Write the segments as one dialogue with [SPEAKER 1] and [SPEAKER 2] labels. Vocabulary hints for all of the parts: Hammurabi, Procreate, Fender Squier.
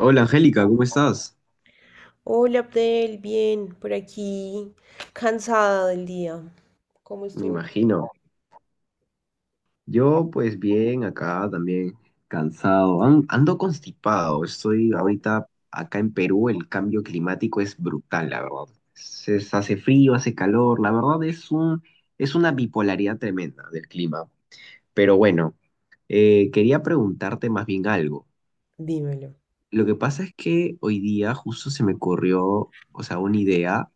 [SPEAKER 1] Hola Angélica, ¿cómo estás?
[SPEAKER 2] Hola Abdel, bien, por aquí, cansada del día. ¿Cómo
[SPEAKER 1] Me
[SPEAKER 2] estuvo tu día?
[SPEAKER 1] imagino. Yo, pues bien, acá también cansado. Ando constipado. Estoy ahorita acá en Perú. El cambio climático es brutal, la verdad. Se hace frío, hace calor. La verdad es una bipolaridad tremenda del clima. Pero bueno, quería preguntarte más bien algo.
[SPEAKER 2] Dímelo.
[SPEAKER 1] Lo que pasa es que hoy día justo se me ocurrió, o sea, una idea,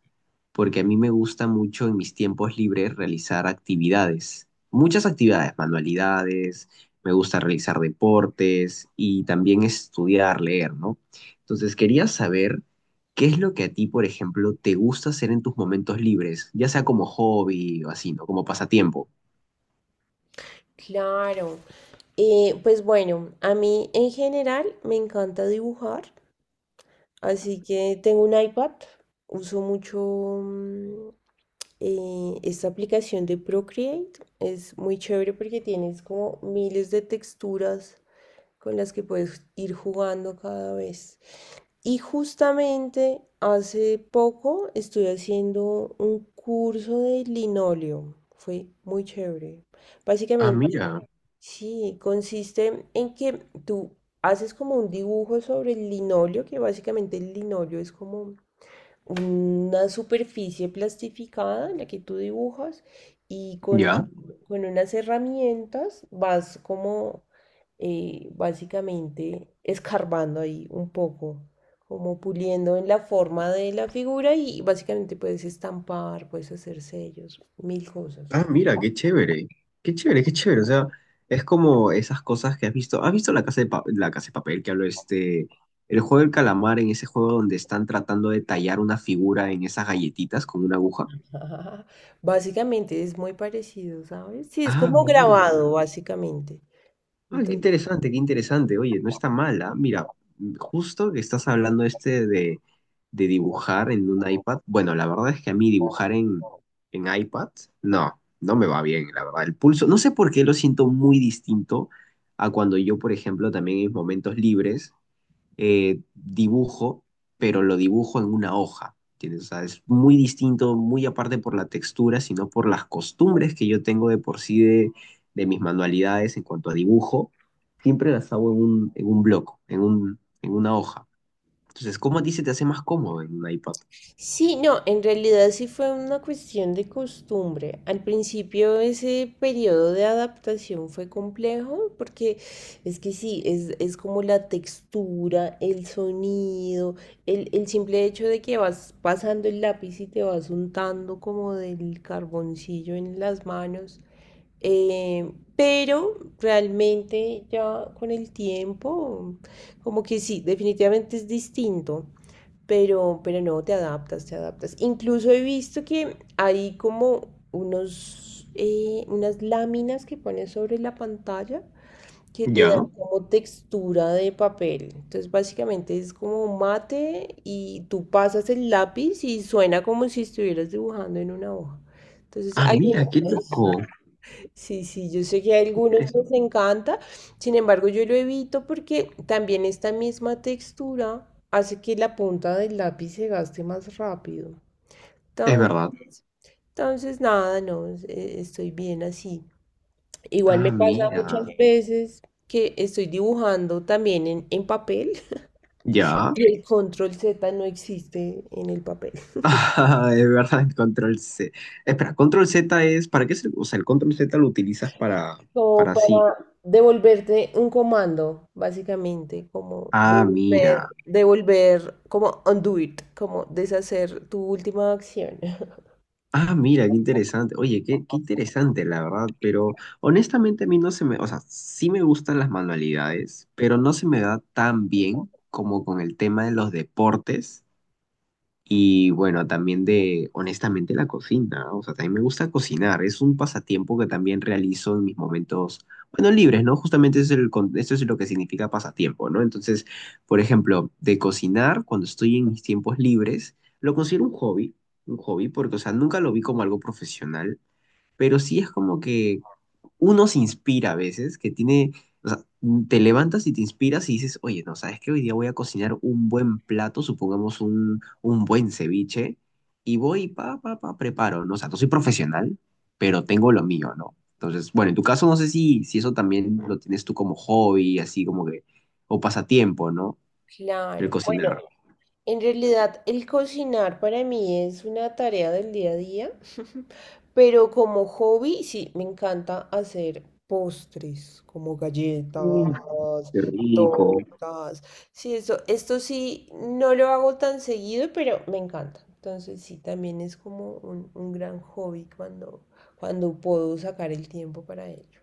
[SPEAKER 1] porque a mí me gusta mucho en mis tiempos libres realizar actividades, muchas actividades, manualidades, me gusta realizar deportes y también estudiar, leer, ¿no? Entonces quería saber qué es lo que a ti, por ejemplo, te gusta hacer en tus momentos libres, ya sea como hobby o así, ¿no? Como pasatiempo.
[SPEAKER 2] Claro. Pues bueno, a mí en general me encanta dibujar. Así que tengo un iPad, uso mucho mm, esta aplicación de Procreate. Es muy chévere porque tienes como miles de texturas con las que puedes ir jugando cada vez. Y justamente hace poco estuve haciendo un curso de linóleo. Fue muy chévere.
[SPEAKER 1] Ah,
[SPEAKER 2] Básicamente,
[SPEAKER 1] mira,
[SPEAKER 2] sí, consiste en que tú haces como un dibujo sobre el linóleo, que básicamente el linóleo es como una superficie plastificada en la que tú dibujas y
[SPEAKER 1] ya.
[SPEAKER 2] con unas herramientas vas como básicamente escarbando ahí un poco, como puliendo en la forma de la figura, y básicamente puedes estampar, puedes hacer sellos, mil cosas.
[SPEAKER 1] Ah, mira, qué chévere, qué chévere, qué chévere. O sea, es como esas cosas que has visto. ¿Has visto la casa de papel que habló este, el juego del calamar en ese juego donde están tratando de tallar una figura en esas galletitas con una aguja?
[SPEAKER 2] Ajá. Básicamente es muy parecido, ¿sabes? Sí, es
[SPEAKER 1] Ah,
[SPEAKER 2] como
[SPEAKER 1] mira.
[SPEAKER 2] grabado, básicamente.
[SPEAKER 1] Ah, qué interesante, qué interesante. Oye, no está mala. Mira, justo que estás hablando este de dibujar en un iPad. Bueno, la verdad es que a mí dibujar en iPad, no, no me va bien, la verdad. El pulso, no sé por qué lo siento muy distinto a cuando yo, por ejemplo, también en momentos libres dibujo, pero lo dibujo en una hoja, ¿entiendes? O sea, es muy distinto, muy aparte por la textura, sino por las costumbres que yo tengo de por sí de mis manualidades en cuanto a dibujo, siempre las hago en un bloco, en una hoja. Entonces, ¿cómo a ti se te hace más cómodo en un iPad?
[SPEAKER 2] Sí, no, en realidad sí fue una cuestión de costumbre. Al principio ese periodo de adaptación fue complejo porque es que sí, es como la textura, el sonido, el simple hecho de que vas pasando el lápiz y te vas untando como del carboncillo en las manos. Eh, pero realmente ya con el tiempo, como que sí, definitivamente es distinto, pero, no, te adaptas, te adaptas. Incluso he visto que hay como unos, unas láminas que pones sobre la pantalla que te da
[SPEAKER 1] Ya.
[SPEAKER 2] como textura de papel. Entonces, básicamente es como mate y tú pasas el lápiz y suena como si estuvieras dibujando en una hoja. Entonces,
[SPEAKER 1] Ah,
[SPEAKER 2] hay
[SPEAKER 1] mira,
[SPEAKER 2] una...
[SPEAKER 1] qué loco.
[SPEAKER 2] Sí, sí, yo sé que a algunos les
[SPEAKER 1] Interesante.
[SPEAKER 2] encanta, sin embargo yo lo evito porque también esta misma textura hace que la punta del lápiz se gaste más rápido.
[SPEAKER 1] Es verdad.
[SPEAKER 2] Entonces, nada, no, estoy bien así. Igual
[SPEAKER 1] Ah,
[SPEAKER 2] me pasa muchas
[SPEAKER 1] mira.
[SPEAKER 2] veces que estoy dibujando también en papel
[SPEAKER 1] Ya.
[SPEAKER 2] y el control Z no existe en el papel.
[SPEAKER 1] Ah, es verdad, el control C. Espera, control Z es, ¿para qué se, o sea, el control Z lo utilizas para,
[SPEAKER 2] Como
[SPEAKER 1] para sí.
[SPEAKER 2] para devolverte un comando, básicamente, como
[SPEAKER 1] Ah,
[SPEAKER 2] devolver,
[SPEAKER 1] mira.
[SPEAKER 2] como undo it, como deshacer tu última acción.
[SPEAKER 1] Ah, mira, qué interesante. Oye, qué interesante, la verdad, pero honestamente a mí no se me, o sea, sí me gustan las manualidades, pero no se me da tan bien como con el tema de los deportes. Y bueno, también de, honestamente, la cocina. ¿No? O sea, también me gusta cocinar. Es un pasatiempo que también realizo en mis momentos, bueno, libres, ¿no? Justamente eso es lo que significa pasatiempo, ¿no? Entonces, por ejemplo, de cocinar, cuando estoy en mis tiempos libres, lo considero un hobby, porque, o sea, nunca lo vi como algo profesional, pero sí es como que uno se inspira a veces, que tiene, o sea, te levantas y te inspiras y dices, oye, no, ¿sabes qué? Hoy día voy a cocinar un buen plato, supongamos un buen ceviche, y voy, pa, pa, pa, preparo, ¿no? O sea, no soy profesional, pero tengo lo mío, ¿no? Entonces, bueno, en tu caso no sé si eso también lo tienes tú como hobby, así como que, o pasatiempo, ¿no? El
[SPEAKER 2] Claro, bueno.
[SPEAKER 1] cocinar.
[SPEAKER 2] En realidad, el cocinar para mí es una tarea del día a día, pero como hobby sí, me encanta hacer postres, como galletas,
[SPEAKER 1] Mm. Qué rico.
[SPEAKER 2] tortas. Sí, eso, esto sí, no lo hago tan seguido, pero me encanta. Entonces sí, también es como un gran hobby cuando, cuando puedo sacar el tiempo para ello.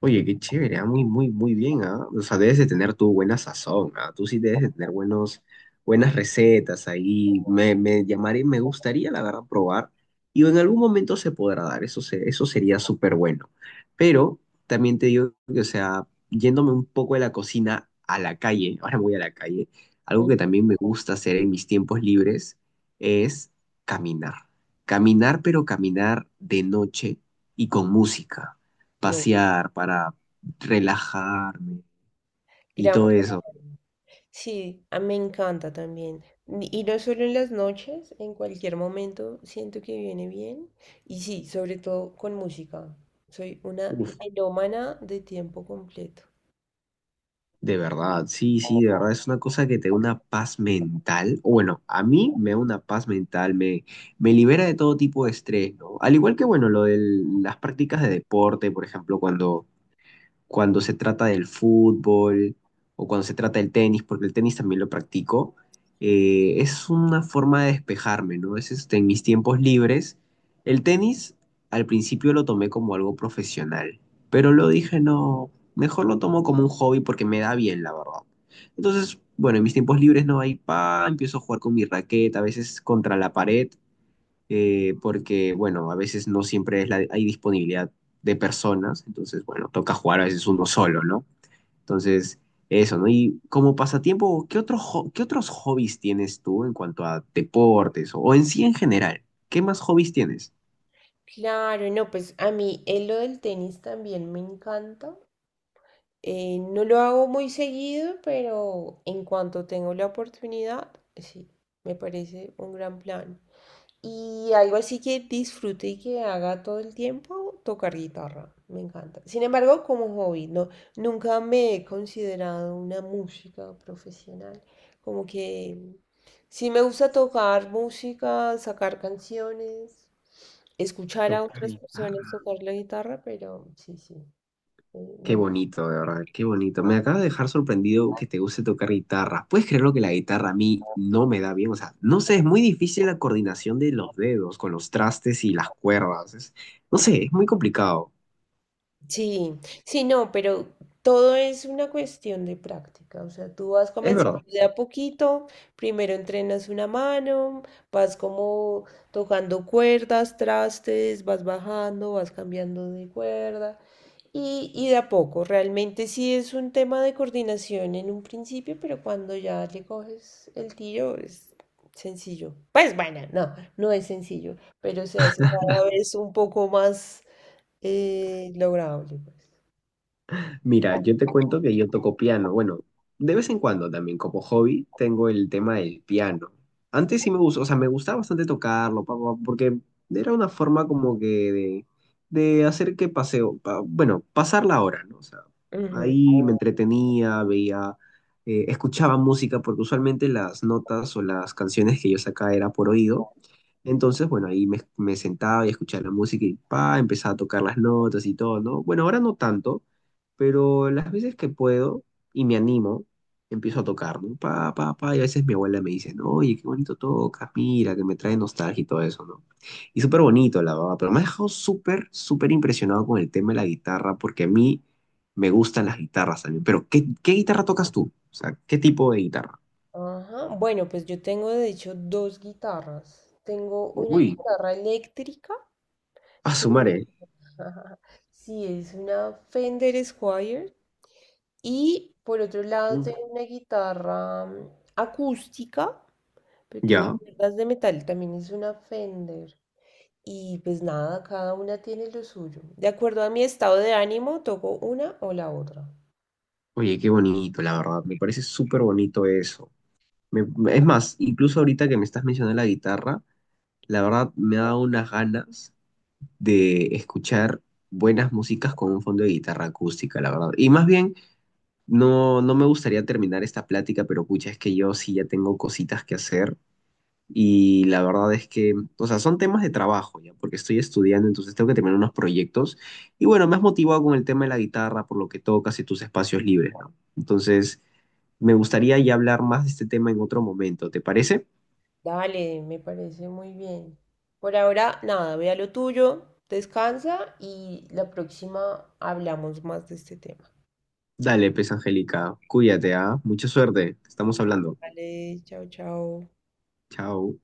[SPEAKER 1] Oye, qué chévere, ah, muy, muy, muy bien, ¿ah? O sea, debes de tener tu buena sazón, ¿ah? Tú sí debes de tener buenas recetas ahí. Me me gustaría, la verdad, probar. Y en algún momento se podrá dar, eso, eso sería súper bueno. Pero también te digo que, o sea, yéndome un poco de la cocina a la calle, ahora me voy a la calle, algo
[SPEAKER 2] Mm.
[SPEAKER 1] que también me gusta hacer en mis tiempos libres es caminar. Caminar, pero caminar de noche y con música
[SPEAKER 2] No,
[SPEAKER 1] pasear, para relajarme y
[SPEAKER 2] gran
[SPEAKER 1] todo eso.
[SPEAKER 2] plan. Sí, a- me encanta también. Ni- Y no solo en las noches, en cualquier momento siento que viene bien. Y sí, sobre todo con música. Soy una
[SPEAKER 1] Uf,
[SPEAKER 2] melómana de tiempo completo.
[SPEAKER 1] de verdad, sí, sí, de verdad, es una cosa que te da una paz mental. O bueno, a mí me da una paz mental, me libera de todo tipo de estrés, ¿no? Al igual que, bueno, lo de las prácticas de deporte, por ejemplo, cuando se trata del fútbol o cuando se trata del tenis, porque el tenis también lo practico, es una forma de despejarme, ¿no? Es este, en mis tiempos libres. El tenis al principio lo tomé como algo profesional, pero lo dije, no, mejor lo tomo como un hobby porque me da bien, la verdad. Entonces, bueno, en mis tiempos libres no hay pa, empiezo a jugar con mi raqueta, a veces contra la pared, porque, bueno, a veces no siempre es hay disponibilidad de personas, entonces, bueno, toca jugar a veces uno solo, ¿no? Entonces, eso, ¿no? Y como pasatiempo, qué otros hobbies tienes tú en cuanto a deportes o en sí en general? ¿Qué más hobbies tienes?
[SPEAKER 2] Claro, no, pues a mí lo del tenis también me encanta. No lo hago muy seguido, pero en cuanto tengo la oportunidad, sí, me parece un gran plan. Y algo así que disfrute y que haga todo el tiempo, tocar guitarra. Me encanta. Sin embargo, como hobby, no, nunca me he considerado una música profesional. Como que sí me gusta tocar música, sacar canciones, escuchar a otras personas
[SPEAKER 1] Guitarra.
[SPEAKER 2] tocar la guitarra, pero sí, sí, me
[SPEAKER 1] Qué bonito, de verdad, qué bonito. Me acaba de dejar sorprendido que te guste tocar guitarra. ¿Puedes creerlo que la guitarra a mí no me da bien? O sea, no sé, es muy difícil la coordinación de los dedos con los trastes y las cuerdas. No sé, es muy complicado.
[SPEAKER 2] sí, sí, no, pero todo es una cuestión de práctica. O sea, tú vas
[SPEAKER 1] Es
[SPEAKER 2] comenzando
[SPEAKER 1] verdad.
[SPEAKER 2] de a poquito, primero entrenas una mano, vas como tocando cuerdas, trastes, vas bajando, vas cambiando de cuerda. Y de a poco, realmente sí es un tema de coordinación en un principio, pero cuando ya le coges el tiro es sencillo. Pues bueno, no, no es sencillo, pero se hace cada vez un poco más lograble, pues.
[SPEAKER 1] Mira, yo te cuento que yo toco piano. Bueno, de vez en cuando también como hobby tengo el tema del piano. Antes sí me gustó, o sea, me gustaba bastante tocarlo, pa, pa, porque era una forma como que de, de hacer que paseo, bueno, pasar la hora, ¿no? O sea,
[SPEAKER 2] Ujú.
[SPEAKER 1] ahí me entretenía, veía, escuchaba música, porque usualmente las notas o las canciones que yo sacaba era por oído. Entonces, bueno, ahí me sentaba y escuchaba la música y pa, empezaba a tocar las notas y todo, ¿no? Bueno, ahora no tanto, pero las veces que puedo y me animo, empiezo a tocar, ¿no? Pa, pa, pa, y a veces mi abuela me dice, no, oye, qué bonito tocas, mira, que me trae nostalgia y todo eso, ¿no? Y súper bonito, la verdad, pero me ha dejado súper, súper impresionado con el tema de la guitarra, porque a mí me gustan las guitarras también, pero ¿qué guitarra tocas tú? O sea, ¿qué tipo de guitarra?
[SPEAKER 2] Ajá. Bueno, pues yo tengo de hecho 2 guitarras. Tengo una
[SPEAKER 1] Uy,
[SPEAKER 2] guitarra eléctrica.
[SPEAKER 1] a
[SPEAKER 2] Qué
[SPEAKER 1] sumaré.
[SPEAKER 2] sí, es una Fender Squier. Y por otro lado
[SPEAKER 1] Uy,
[SPEAKER 2] tengo una guitarra acústica, pero tiene
[SPEAKER 1] ya.
[SPEAKER 2] cuerdas de metal, también es una Fender. Y pues nada, cada una tiene lo suyo. De acuerdo a mi estado de ánimo, toco una o la otra.
[SPEAKER 1] Oye, qué bonito, la verdad. Me parece súper bonito eso. Es más, incluso ahorita que me estás mencionando la guitarra, la verdad me ha dado unas ganas de escuchar buenas músicas con un fondo de guitarra acústica, la verdad. Y más bien, no, no me gustaría terminar esta plática, pero pucha, es que yo sí ya tengo cositas que hacer. Y la verdad es que, o sea, son temas de trabajo ya, porque estoy estudiando, entonces tengo que terminar unos proyectos. Y bueno, me has motivado con el tema de la guitarra, por lo que tocas y tus espacios libres, ¿no? Entonces. Me gustaría ya hablar más de este tema en otro momento, ¿te parece?
[SPEAKER 2] Dale, me parece muy bien. Por ahora, nada, ve a lo tuyo, descansa y la próxima hablamos más de este tema.
[SPEAKER 1] Dale, pues, Angélica, cuídate, ¿ah? Mucha suerte, estamos hablando.
[SPEAKER 2] Vale, chao, chao.
[SPEAKER 1] Chao.